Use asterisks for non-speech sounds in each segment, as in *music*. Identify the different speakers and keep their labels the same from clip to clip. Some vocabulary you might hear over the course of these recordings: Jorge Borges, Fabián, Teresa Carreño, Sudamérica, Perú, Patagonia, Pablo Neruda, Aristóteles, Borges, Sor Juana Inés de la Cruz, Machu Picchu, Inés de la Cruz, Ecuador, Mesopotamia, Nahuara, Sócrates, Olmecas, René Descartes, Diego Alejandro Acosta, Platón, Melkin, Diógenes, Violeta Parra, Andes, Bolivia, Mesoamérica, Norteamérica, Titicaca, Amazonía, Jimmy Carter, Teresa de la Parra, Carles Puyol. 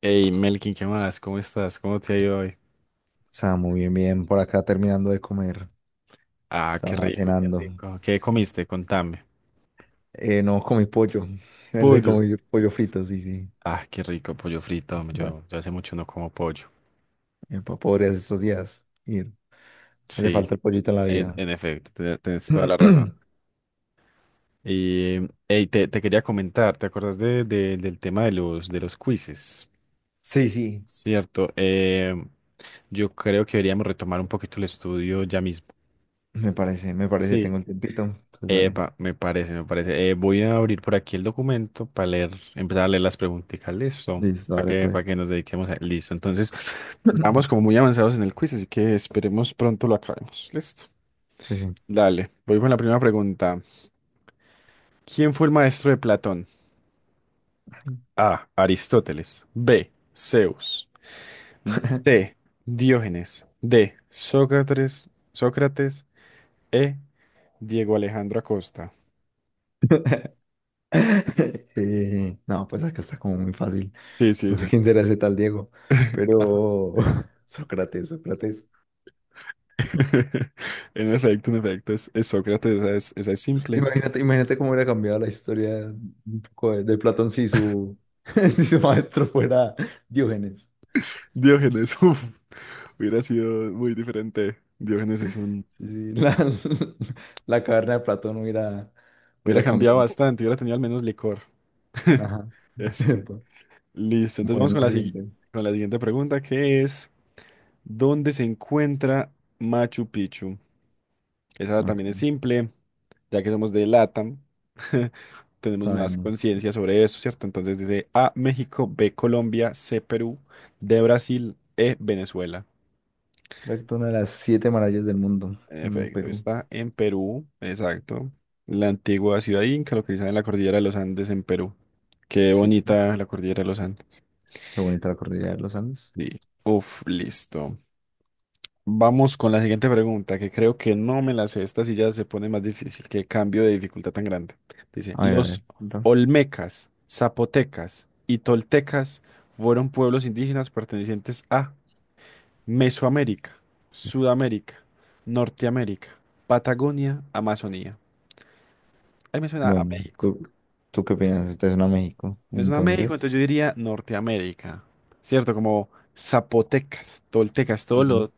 Speaker 1: Hey, Melkin, ¿qué más? ¿Cómo estás? ¿Cómo te ha ido hoy?
Speaker 2: Está muy bien, bien. Por acá terminando de comer.
Speaker 1: Ah, qué
Speaker 2: Estaba
Speaker 1: rico, qué
Speaker 2: cenando.
Speaker 1: rico. ¿Qué
Speaker 2: Sí.
Speaker 1: comiste? Contame.
Speaker 2: No comí pollo. *laughs* Verde
Speaker 1: Pollo.
Speaker 2: comí pollo frito, sí, sí.
Speaker 1: Ah, qué rico, pollo frito. Hombre,
Speaker 2: Pa-
Speaker 1: yo hace mucho no como pollo.
Speaker 2: Pobres estos días. Ir. Hace
Speaker 1: Sí,
Speaker 2: falta el pollito en la
Speaker 1: en,
Speaker 2: vida.
Speaker 1: en efecto, tienes toda la razón.
Speaker 2: *clears throat*
Speaker 1: Y, hey, te quería comentar, ¿te acuerdas del tema de los quizzes?
Speaker 2: Sí, sí.
Speaker 1: Cierto, yo creo que deberíamos retomar un poquito el estudio ya mismo.
Speaker 2: Me parece, me parece.
Speaker 1: Sí.
Speaker 2: Tengo un tiempito. Entonces dale.
Speaker 1: Epa, me parece. Voy a abrir por aquí el documento para leer, empezar a leer las preguntitas, listo,
Speaker 2: Listo, dale
Speaker 1: para
Speaker 2: pues.
Speaker 1: que nos dediquemos a... Listo, entonces, *laughs* ya vamos como
Speaker 2: *clears throat*
Speaker 1: muy avanzados en el quiz, así que esperemos pronto lo acabemos, listo.
Speaker 2: Sí, sí.
Speaker 1: Dale, voy con la primera pregunta. ¿Quién fue el maestro de Platón? A, Aristóteles; B, Zeus; C, Diógenes; D, Sócrates, Sócrates; E, Diego Alejandro Acosta.
Speaker 2: *laughs* No, pues acá está como muy fácil.
Speaker 1: Sí, sí,
Speaker 2: No sé
Speaker 1: sí.
Speaker 2: quién será ese tal Diego, pero *laughs* Sócrates, Sócrates.
Speaker 1: *laughs* En efecto, es Sócrates, esa es simple.
Speaker 2: Imagínate, imagínate cómo hubiera cambiado la historia un poco de Platón si su, *laughs* si su maestro fuera Diógenes.
Speaker 1: Diógenes, *laughs* uff, hubiera sido muy diferente. Diógenes es un...
Speaker 2: Sí, sí, la, *laughs* la caverna de Platón hubiera,
Speaker 1: Hubiera
Speaker 2: hubiera
Speaker 1: cambiado
Speaker 2: cambiado un poco.
Speaker 1: bastante, hubiera tenido al menos licor.
Speaker 2: Ajá.
Speaker 1: *laughs*
Speaker 2: *laughs*
Speaker 1: Así,
Speaker 2: Epa.
Speaker 1: listo, entonces vamos
Speaker 2: Bueno, la siguiente.
Speaker 1: con la siguiente pregunta, que es, ¿dónde se encuentra Machu Picchu? Esa
Speaker 2: Ok,
Speaker 1: también es simple, ya que somos de LATAM, *laughs* tenemos más
Speaker 2: sabemos.
Speaker 1: conciencia sobre eso, ¿cierto? Entonces dice A, México; B, Colombia; C, Perú; D, Brasil; E, Venezuela.
Speaker 2: Recto una de las siete maravillas del mundo,
Speaker 1: En
Speaker 2: mm,
Speaker 1: efecto,
Speaker 2: Perú.
Speaker 1: está en Perú, exacto. La antigua ciudad inca localizada en la cordillera de los Andes en Perú. Qué
Speaker 2: Sí,
Speaker 1: bonita la cordillera de los Andes.
Speaker 2: qué bonita la cordillera de los Andes.
Speaker 1: Sí. Uf, listo. Vamos con la siguiente pregunta, que creo que no me la sé. Esta sí ya se pone más difícil. Qué cambio de dificultad tan grande. Dice,
Speaker 2: A ver, a
Speaker 1: los
Speaker 2: ver. ¿No?
Speaker 1: olmecas, zapotecas y toltecas fueron pueblos indígenas pertenecientes a Mesoamérica, Sudamérica, Norteamérica, Patagonia, Amazonía. Ahí me suena a
Speaker 2: Bueno,
Speaker 1: México.
Speaker 2: ¿tú qué piensas? Este es una México.
Speaker 1: Me suena a México, entonces
Speaker 2: Entonces.
Speaker 1: yo diría Norteamérica. ¿Cierto? Como zapotecas, toltecas, todo lo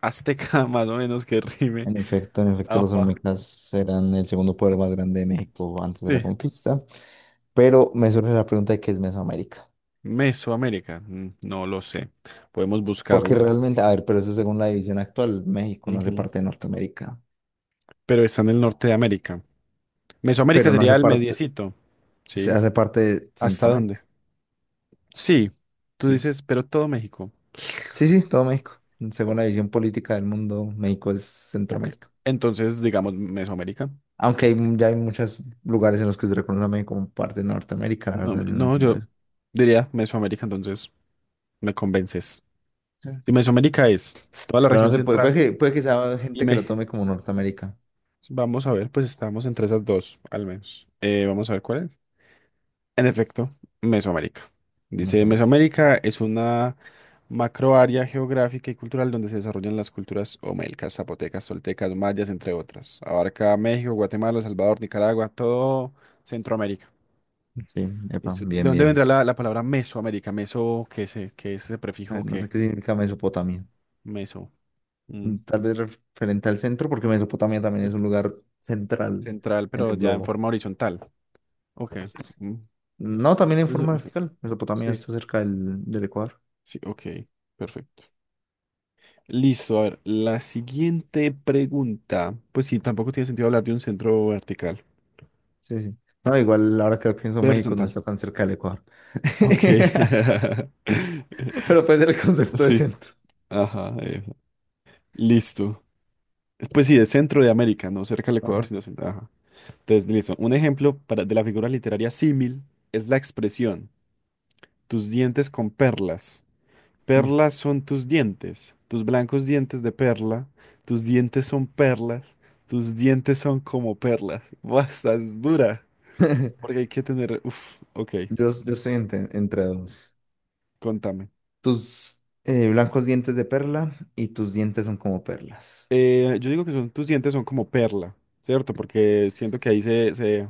Speaker 1: azteca, *laughs* más o menos que rime.
Speaker 2: En efecto, los
Speaker 1: Afa.
Speaker 2: Olmecas eran el segundo poder más grande de México antes de la
Speaker 1: Sí.
Speaker 2: conquista. Pero me surge la pregunta de qué es Mesoamérica.
Speaker 1: Mesoamérica. No lo sé. Podemos
Speaker 2: Porque
Speaker 1: buscarlo.
Speaker 2: realmente, a ver, pero eso según la división actual, México no hace
Speaker 1: Ujú.
Speaker 2: parte de Norteamérica,
Speaker 1: Pero está en el norte de América. Mesoamérica
Speaker 2: pero no
Speaker 1: sería
Speaker 2: hace
Speaker 1: el
Speaker 2: parte,
Speaker 1: mediecito.
Speaker 2: se
Speaker 1: ¿Sí?
Speaker 2: hace parte de
Speaker 1: ¿Hasta dónde?
Speaker 2: Centroamérica.
Speaker 1: Sí. Tú
Speaker 2: Sí,
Speaker 1: dices, pero todo México.
Speaker 2: sí, sí, todo México. Según
Speaker 1: O-
Speaker 2: la división política del mundo, México es
Speaker 1: ok.
Speaker 2: Centroamérica.
Speaker 1: Entonces, digamos Mesoamérica.
Speaker 2: Aunque hay, ya hay muchos lugares en los que se reconoce a México como parte de Norteamérica, la
Speaker 1: No,
Speaker 2: verdad, yo no
Speaker 1: no,
Speaker 2: entiendo
Speaker 1: yo
Speaker 2: eso.
Speaker 1: diría Mesoamérica, entonces me convences.
Speaker 2: Sí.
Speaker 1: Y Mesoamérica es toda la
Speaker 2: Pero no
Speaker 1: región
Speaker 2: se puede,
Speaker 1: central
Speaker 2: puede que sea
Speaker 1: y
Speaker 2: gente que lo
Speaker 1: México.
Speaker 2: tome como Norteamérica.
Speaker 1: Vamos a ver, pues estamos entre esas dos, al menos. Vamos a ver cuál es. En efecto, Mesoamérica. Dice,
Speaker 2: Mesoamérica.
Speaker 1: Mesoamérica es una macroárea geográfica y cultural donde se desarrollan las culturas omelcas, zapotecas, toltecas, mayas, entre otras. Abarca México, Guatemala, El Salvador, Nicaragua, todo Centroamérica.
Speaker 2: Sí, epa,
Speaker 1: Listo. ¿De
Speaker 2: bien,
Speaker 1: dónde
Speaker 2: bien.
Speaker 1: vendrá la palabra Mesoamérica? Meso, ¿qué es, qué es ese
Speaker 2: A
Speaker 1: prefijo
Speaker 2: ver, no sé
Speaker 1: que
Speaker 2: qué significa Mesopotamia.
Speaker 1: Meso? Mm,
Speaker 2: Mm, tal vez referente al centro, porque Mesopotamia también es un
Speaker 1: cierto.
Speaker 2: lugar central
Speaker 1: Central,
Speaker 2: en
Speaker 1: pero
Speaker 2: el
Speaker 1: ya en
Speaker 2: globo.
Speaker 1: forma horizontal. Ok. Mm,
Speaker 2: No, también en
Speaker 1: eso
Speaker 2: forma
Speaker 1: fue-
Speaker 2: vertical. Mesopotamia
Speaker 1: sí,
Speaker 2: está cerca del Ecuador.
Speaker 1: sí, ok. Perfecto. Listo, a ver, la siguiente pregunta. Pues sí, tampoco tiene sentido hablar de un centro vertical,
Speaker 2: Sí, sí. No, igual ahora que lo pienso,
Speaker 1: de
Speaker 2: México no
Speaker 1: horizontal.
Speaker 2: está tan cerca del Ecuador.
Speaker 1: Ok.
Speaker 2: *laughs*
Speaker 1: *laughs*
Speaker 2: Pero puede ser el concepto de
Speaker 1: Sí,
Speaker 2: centro.
Speaker 1: ajá. Listo. Pues sí, de centro de América, no cerca del Ecuador,
Speaker 2: Ajá.
Speaker 1: sino centro. Ajá. Entonces, listo. Un ejemplo para, de la figura literaria símil es la expresión, tus dientes con perlas. Perlas son tus dientes, tus blancos dientes de perla, tus dientes son perlas, tus dientes son como perlas. *laughs* Buah, estás dura, porque
Speaker 2: *laughs*
Speaker 1: hay que tener... Uf, ok,
Speaker 2: Yo estoy entre, entre dos.
Speaker 1: contame.
Speaker 2: Tus blancos dientes de perla y tus dientes son como perlas.
Speaker 1: Yo digo que son, tus dientes son como perla, ¿cierto? Porque siento que ahí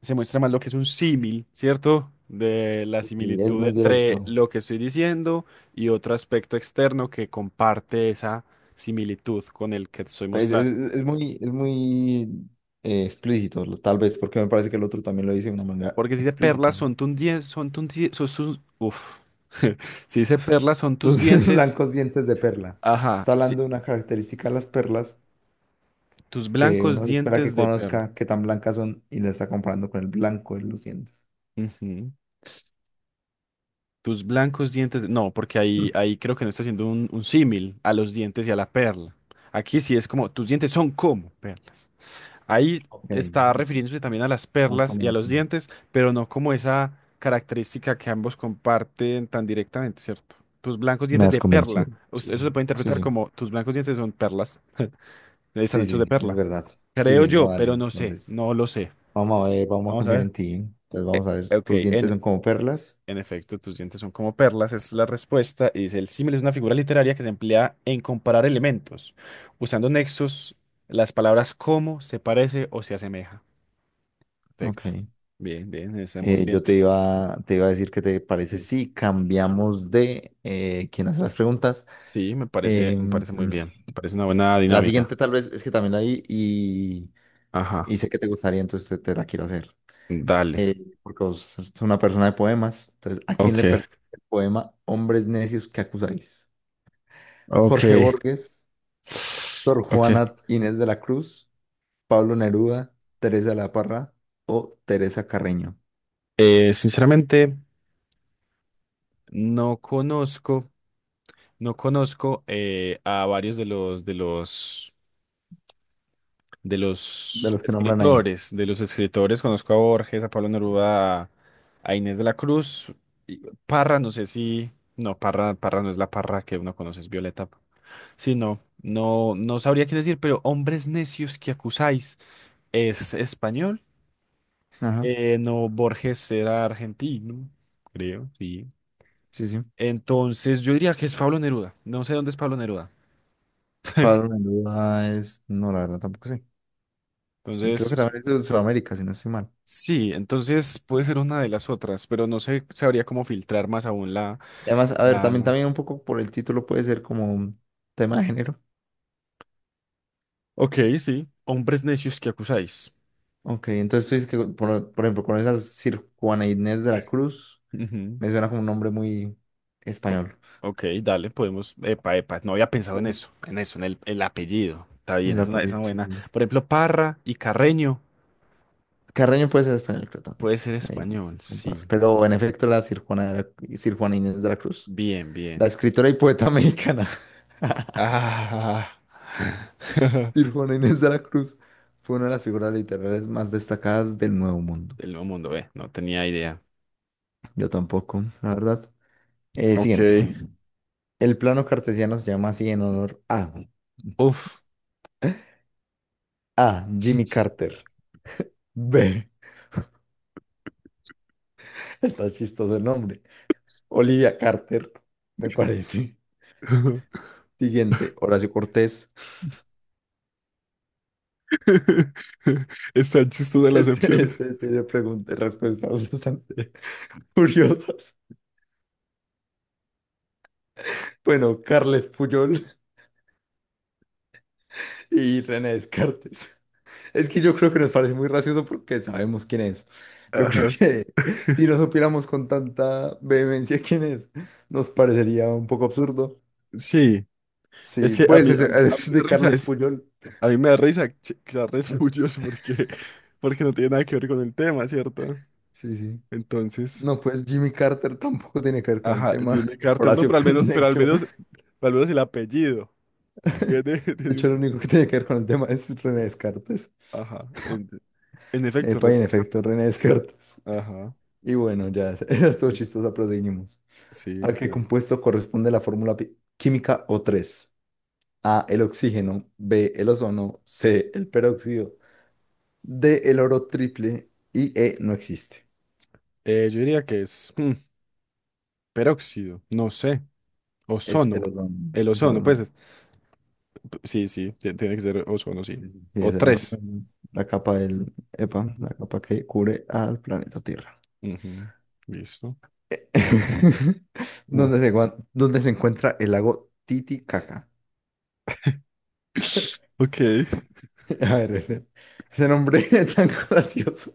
Speaker 1: se muestra más lo que es un símil, ¿cierto? De la
Speaker 2: Y es
Speaker 1: similitud
Speaker 2: muy directo.
Speaker 1: entre lo que estoy diciendo y otro aspecto externo que comparte esa similitud con el que te estoy
Speaker 2: Pues, es,
Speaker 1: mostrando.
Speaker 2: es muy explícito, lo- tal vez, porque me parece que el otro también lo dice de una manera
Speaker 1: Porque si dice
Speaker 2: explícita.
Speaker 1: perlas
Speaker 2: ¿No?
Speaker 1: son tus dientes, son tus die- son tus- uf. *laughs* Si dice perlas son tus
Speaker 2: Entonces, *laughs*
Speaker 1: dientes,
Speaker 2: blancos dientes de perla.
Speaker 1: ajá,
Speaker 2: Está
Speaker 1: sí,
Speaker 2: hablando de una característica de las perlas
Speaker 1: tus
Speaker 2: que
Speaker 1: blancos
Speaker 2: uno se espera que
Speaker 1: dientes de perla.
Speaker 2: conozca qué tan blancas son y le está comparando con el blanco de los dientes.
Speaker 1: Ujú. Tus blancos dientes, no, porque ahí, ahí
Speaker 2: *clears throat*
Speaker 1: creo que no está haciendo un símil a los dientes y a la perla. Aquí sí es como, tus dientes son como perlas. Ahí
Speaker 2: Ok, me
Speaker 1: está refiriéndose también a las
Speaker 2: has
Speaker 1: perlas y a los
Speaker 2: convencido.
Speaker 1: dientes, pero no como esa característica que ambos comparten tan directamente, ¿cierto? Tus blancos
Speaker 2: Me
Speaker 1: dientes
Speaker 2: has
Speaker 1: de perla.
Speaker 2: convencido. Sí,
Speaker 1: Eso se puede
Speaker 2: sí,
Speaker 1: interpretar
Speaker 2: sí,
Speaker 1: como tus blancos dientes son perlas, están
Speaker 2: sí,
Speaker 1: hechos
Speaker 2: sí,
Speaker 1: de
Speaker 2: sí, es
Speaker 1: perla.
Speaker 2: verdad. Sí,
Speaker 1: Creo
Speaker 2: sí, no,
Speaker 1: yo,
Speaker 2: dale.
Speaker 1: pero no sé,
Speaker 2: Entonces,
Speaker 1: no lo sé.
Speaker 2: vamos a ver, vamos a
Speaker 1: Vamos a
Speaker 2: confiar
Speaker 1: ver.
Speaker 2: en ti. Entonces, vamos a ver,
Speaker 1: Eh, ok,
Speaker 2: tus dientes son como perlas.
Speaker 1: en efecto, tus dientes son como perlas, es la respuesta. Y dice, el símil es una figura literaria que se emplea en comparar elementos, usando nexos, las palabras como, se parece o se asemeja. Perfecto.
Speaker 2: Ok.
Speaker 1: Bien, bien, estamos bien.
Speaker 2: Yo te iba a decir que te parece
Speaker 1: Sí,
Speaker 2: si cambiamos de quién hace las preguntas.
Speaker 1: sí, me
Speaker 2: Em,
Speaker 1: parece muy
Speaker 2: mm,
Speaker 1: bien. Parece una buena
Speaker 2: la siguiente
Speaker 1: dinámica.
Speaker 2: tal vez es que también la vi
Speaker 1: Ajá,
Speaker 2: y sé que te gustaría, entonces te la quiero hacer.
Speaker 1: dale.
Speaker 2: Porque vos sos una persona de poemas. Entonces, ¿a quién
Speaker 1: Ok,
Speaker 2: le pertenece el poema Hombres necios que acusáis?
Speaker 1: ok.
Speaker 2: Jorge Borges, Sor
Speaker 1: Ok.
Speaker 2: Juana Inés de la Cruz, Pablo Neruda, Teresa de la Parra o Teresa Carreño,
Speaker 1: Sinceramente, no conozco, no conozco, a varios de
Speaker 2: de
Speaker 1: los
Speaker 2: los que nombran ahí.
Speaker 1: escritores, de los escritores. Conozco a Borges, a Pablo Neruda, a Inés de la Cruz. Y Parra, no sé si, no, Parra, Parra no es la Parra que uno conoce, es Violeta. Sí, no, no, no sabría qué decir, pero hombres necios que acusáis es español.
Speaker 2: Ajá,
Speaker 1: No, Borges era argentino, creo, sí.
Speaker 2: sí, sí.
Speaker 1: Entonces yo diría que es Pablo Neruda. No sé dónde es Pablo Neruda.
Speaker 2: Pablo Neruda es, no, la verdad tampoco sé. Y creo
Speaker 1: Entonces,
Speaker 2: que
Speaker 1: es-
Speaker 2: también es de Sudamérica, si no estoy mal.
Speaker 1: sí, entonces puede ser una de las otras, pero no sé, sabría cómo filtrar más aún
Speaker 2: Y además, a ver,
Speaker 1: la,
Speaker 2: también,
Speaker 1: la-
Speaker 2: también un poco por el título puede ser como un tema de género.
Speaker 1: Ok, sí, hombres necios que acusáis.
Speaker 2: Ok, entonces tú dices que, por ejemplo, con esa Sir Juana Inés de la Cruz,
Speaker 1: Ujú.
Speaker 2: me suena como un nombre muy
Speaker 1: ¿Cómo?
Speaker 2: español.
Speaker 1: Ok, dale, podemos. Epa, epa, no había pensado en
Speaker 2: Ujú.
Speaker 1: eso, en eso, en el apellido. Está
Speaker 2: En
Speaker 1: bien,
Speaker 2: la
Speaker 1: es
Speaker 2: película,
Speaker 1: una
Speaker 2: sí,
Speaker 1: buena.
Speaker 2: sí.
Speaker 1: Por ejemplo, Parra y Carreño
Speaker 2: Carreño puede ser español, creo también.
Speaker 1: puede ser
Speaker 2: Ahí
Speaker 1: español, sí.
Speaker 2: comparto. Pero en efecto, la Sir Juana, Sir Juana Inés de la Cruz,
Speaker 1: Bien,
Speaker 2: la
Speaker 1: bien.
Speaker 2: escritora y poeta mexicana. *laughs*
Speaker 1: Ah,
Speaker 2: Y Juana Inés de la Cruz fue una de las figuras literarias más destacadas del Nuevo Mundo.
Speaker 1: *laughs* el nuevo mundo, ve, no tenía idea.
Speaker 2: Yo tampoco, la verdad.
Speaker 1: Ok.
Speaker 2: Siguiente. El plano cartesiano se llama así en honor a
Speaker 1: Uf.
Speaker 2: A. Jimmy Carter. B. *laughs* Está chistoso el nombre. Olivia Carter, me parece.
Speaker 1: *laughs*
Speaker 2: Siguiente, Horacio Cortés. *laughs*
Speaker 1: Están chistosas las
Speaker 2: Este,
Speaker 1: opciones.
Speaker 2: este tiene preguntas y respuestas bastante *laughs* curiosas. Bueno, Carles Puyol y René Descartes. Es que yo creo que nos parece muy gracioso porque sabemos quién es. Yo creo
Speaker 1: Ajá.
Speaker 2: que *laughs* si no supiéramos con tanta vehemencia quién es, nos parecería un poco absurdo.
Speaker 1: Sí, es
Speaker 2: Sí,
Speaker 1: que
Speaker 2: pues *laughs*
Speaker 1: a mí
Speaker 2: es,
Speaker 1: me
Speaker 2: de
Speaker 1: da risa,
Speaker 2: Carles
Speaker 1: es,
Speaker 2: Puyol.
Speaker 1: a mí me da risa que sea re *laughs* suyos porque, porque no tiene nada que ver con el tema, ¿cierto?
Speaker 2: Sí, sí.
Speaker 1: Entonces.
Speaker 2: No, pues Jimmy Carter tampoco tiene que ver con el
Speaker 1: Ajá,
Speaker 2: tema.
Speaker 1: Jimmy Carter, no,
Speaker 2: Horacio
Speaker 1: pero
Speaker 2: Conejo.
Speaker 1: al menos el apellido. Tiene,
Speaker 2: *laughs*
Speaker 1: *laughs*
Speaker 2: De
Speaker 1: tiene
Speaker 2: hecho,
Speaker 1: un
Speaker 2: lo único que
Speaker 1: poco.
Speaker 2: tiene que ver con el tema es René Descartes.
Speaker 1: Ajá, en, en efecto,
Speaker 2: Epa,
Speaker 1: René
Speaker 2: y en
Speaker 1: Descartes.
Speaker 2: efecto,
Speaker 1: Ajá.
Speaker 2: René Descartes.
Speaker 1: Ajá,
Speaker 2: Y bueno, ya, *laughs* esa estuvo
Speaker 1: y es-
Speaker 2: chistosa, pero seguimos.
Speaker 1: Sí,
Speaker 2: ¿A qué
Speaker 1: dale.
Speaker 2: compuesto corresponde la fórmula química O3? A, el oxígeno, B, el ozono, C, el peróxido, D, el oro triple y E, no existe.
Speaker 1: Yo diría que es mm, peróxido, no sé,
Speaker 2: Es el
Speaker 1: ozono.
Speaker 2: ozono,
Speaker 1: El
Speaker 2: es el
Speaker 1: ozono,
Speaker 2: ozono.
Speaker 1: sí, sí, tiene que ser ozono,
Speaker 2: Sí,
Speaker 1: sí.
Speaker 2: sí, sí, sí,
Speaker 1: O
Speaker 2: es el
Speaker 1: tres.
Speaker 2: ozono. La capa del, epa, la
Speaker 1: Ujú.
Speaker 2: capa que cubre al planeta Tierra.
Speaker 1: Ujú, listo.
Speaker 2: *laughs* ¿Dónde
Speaker 1: No.
Speaker 2: se, dónde se encuentra el lago Titicaca?
Speaker 1: *laughs* Ok.
Speaker 2: *laughs* A ver, ese nombre *laughs* tan gracioso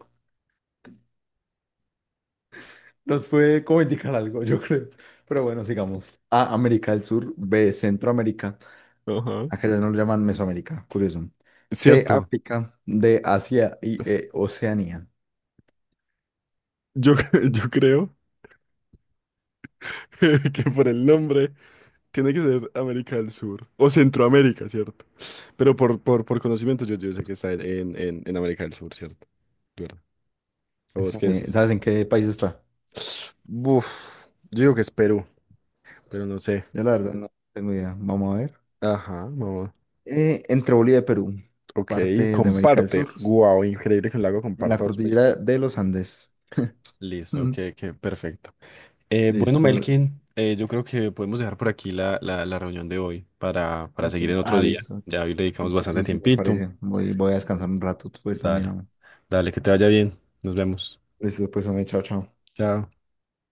Speaker 2: nos puede como indicar algo, yo creo. Pero bueno, sigamos. A, América del Sur, B, Centroamérica.
Speaker 1: Ajá.
Speaker 2: Acá ya no lo llaman Mesoamérica, curioso. C,
Speaker 1: Cierto.
Speaker 2: África, D, Asia y E, Oceanía.
Speaker 1: Yo, *laughs* yo creo *laughs* que por el nombre. Tiene que ser América del Sur o Centroamérica, ¿cierto? Pero por conocimiento yo, yo sé que está en América del Sur, ¿cierto? Claro. ¿O vos qué
Speaker 2: Este,
Speaker 1: decís?
Speaker 2: ¿sabes en qué país está?
Speaker 1: Buf, yo digo que es Perú, pero no sé.
Speaker 2: Yo la verdad no tengo idea. Vamos a ver.
Speaker 1: Ajá, no.
Speaker 2: Entre Bolivia y Perú,
Speaker 1: Ok,
Speaker 2: parte de América del
Speaker 1: comparte.
Speaker 2: Sur,
Speaker 1: Wow, increíble que un lago
Speaker 2: en la
Speaker 1: comparta dos
Speaker 2: cordillera
Speaker 1: países.
Speaker 2: de los Andes. *laughs*
Speaker 1: Listo,
Speaker 2: Mm,
Speaker 1: que perfecto. Bueno,
Speaker 2: listo,
Speaker 1: Melkin, yo creo que podemos dejar por aquí la reunión de hoy para
Speaker 2: listo.
Speaker 1: seguir en otro
Speaker 2: Ah,
Speaker 1: día.
Speaker 2: listo.
Speaker 1: Ya hoy le dedicamos
Speaker 2: Listo,
Speaker 1: bastante
Speaker 2: sí, sí, me
Speaker 1: tiempito.
Speaker 2: parece. Voy, voy a
Speaker 1: Sí.
Speaker 2: descansar un rato, pues también.
Speaker 1: Dale,
Speaker 2: Hombre.
Speaker 1: dale, que te vaya bien. Nos vemos.
Speaker 2: Listo, pues, hombre, chao, chao.
Speaker 1: Chao.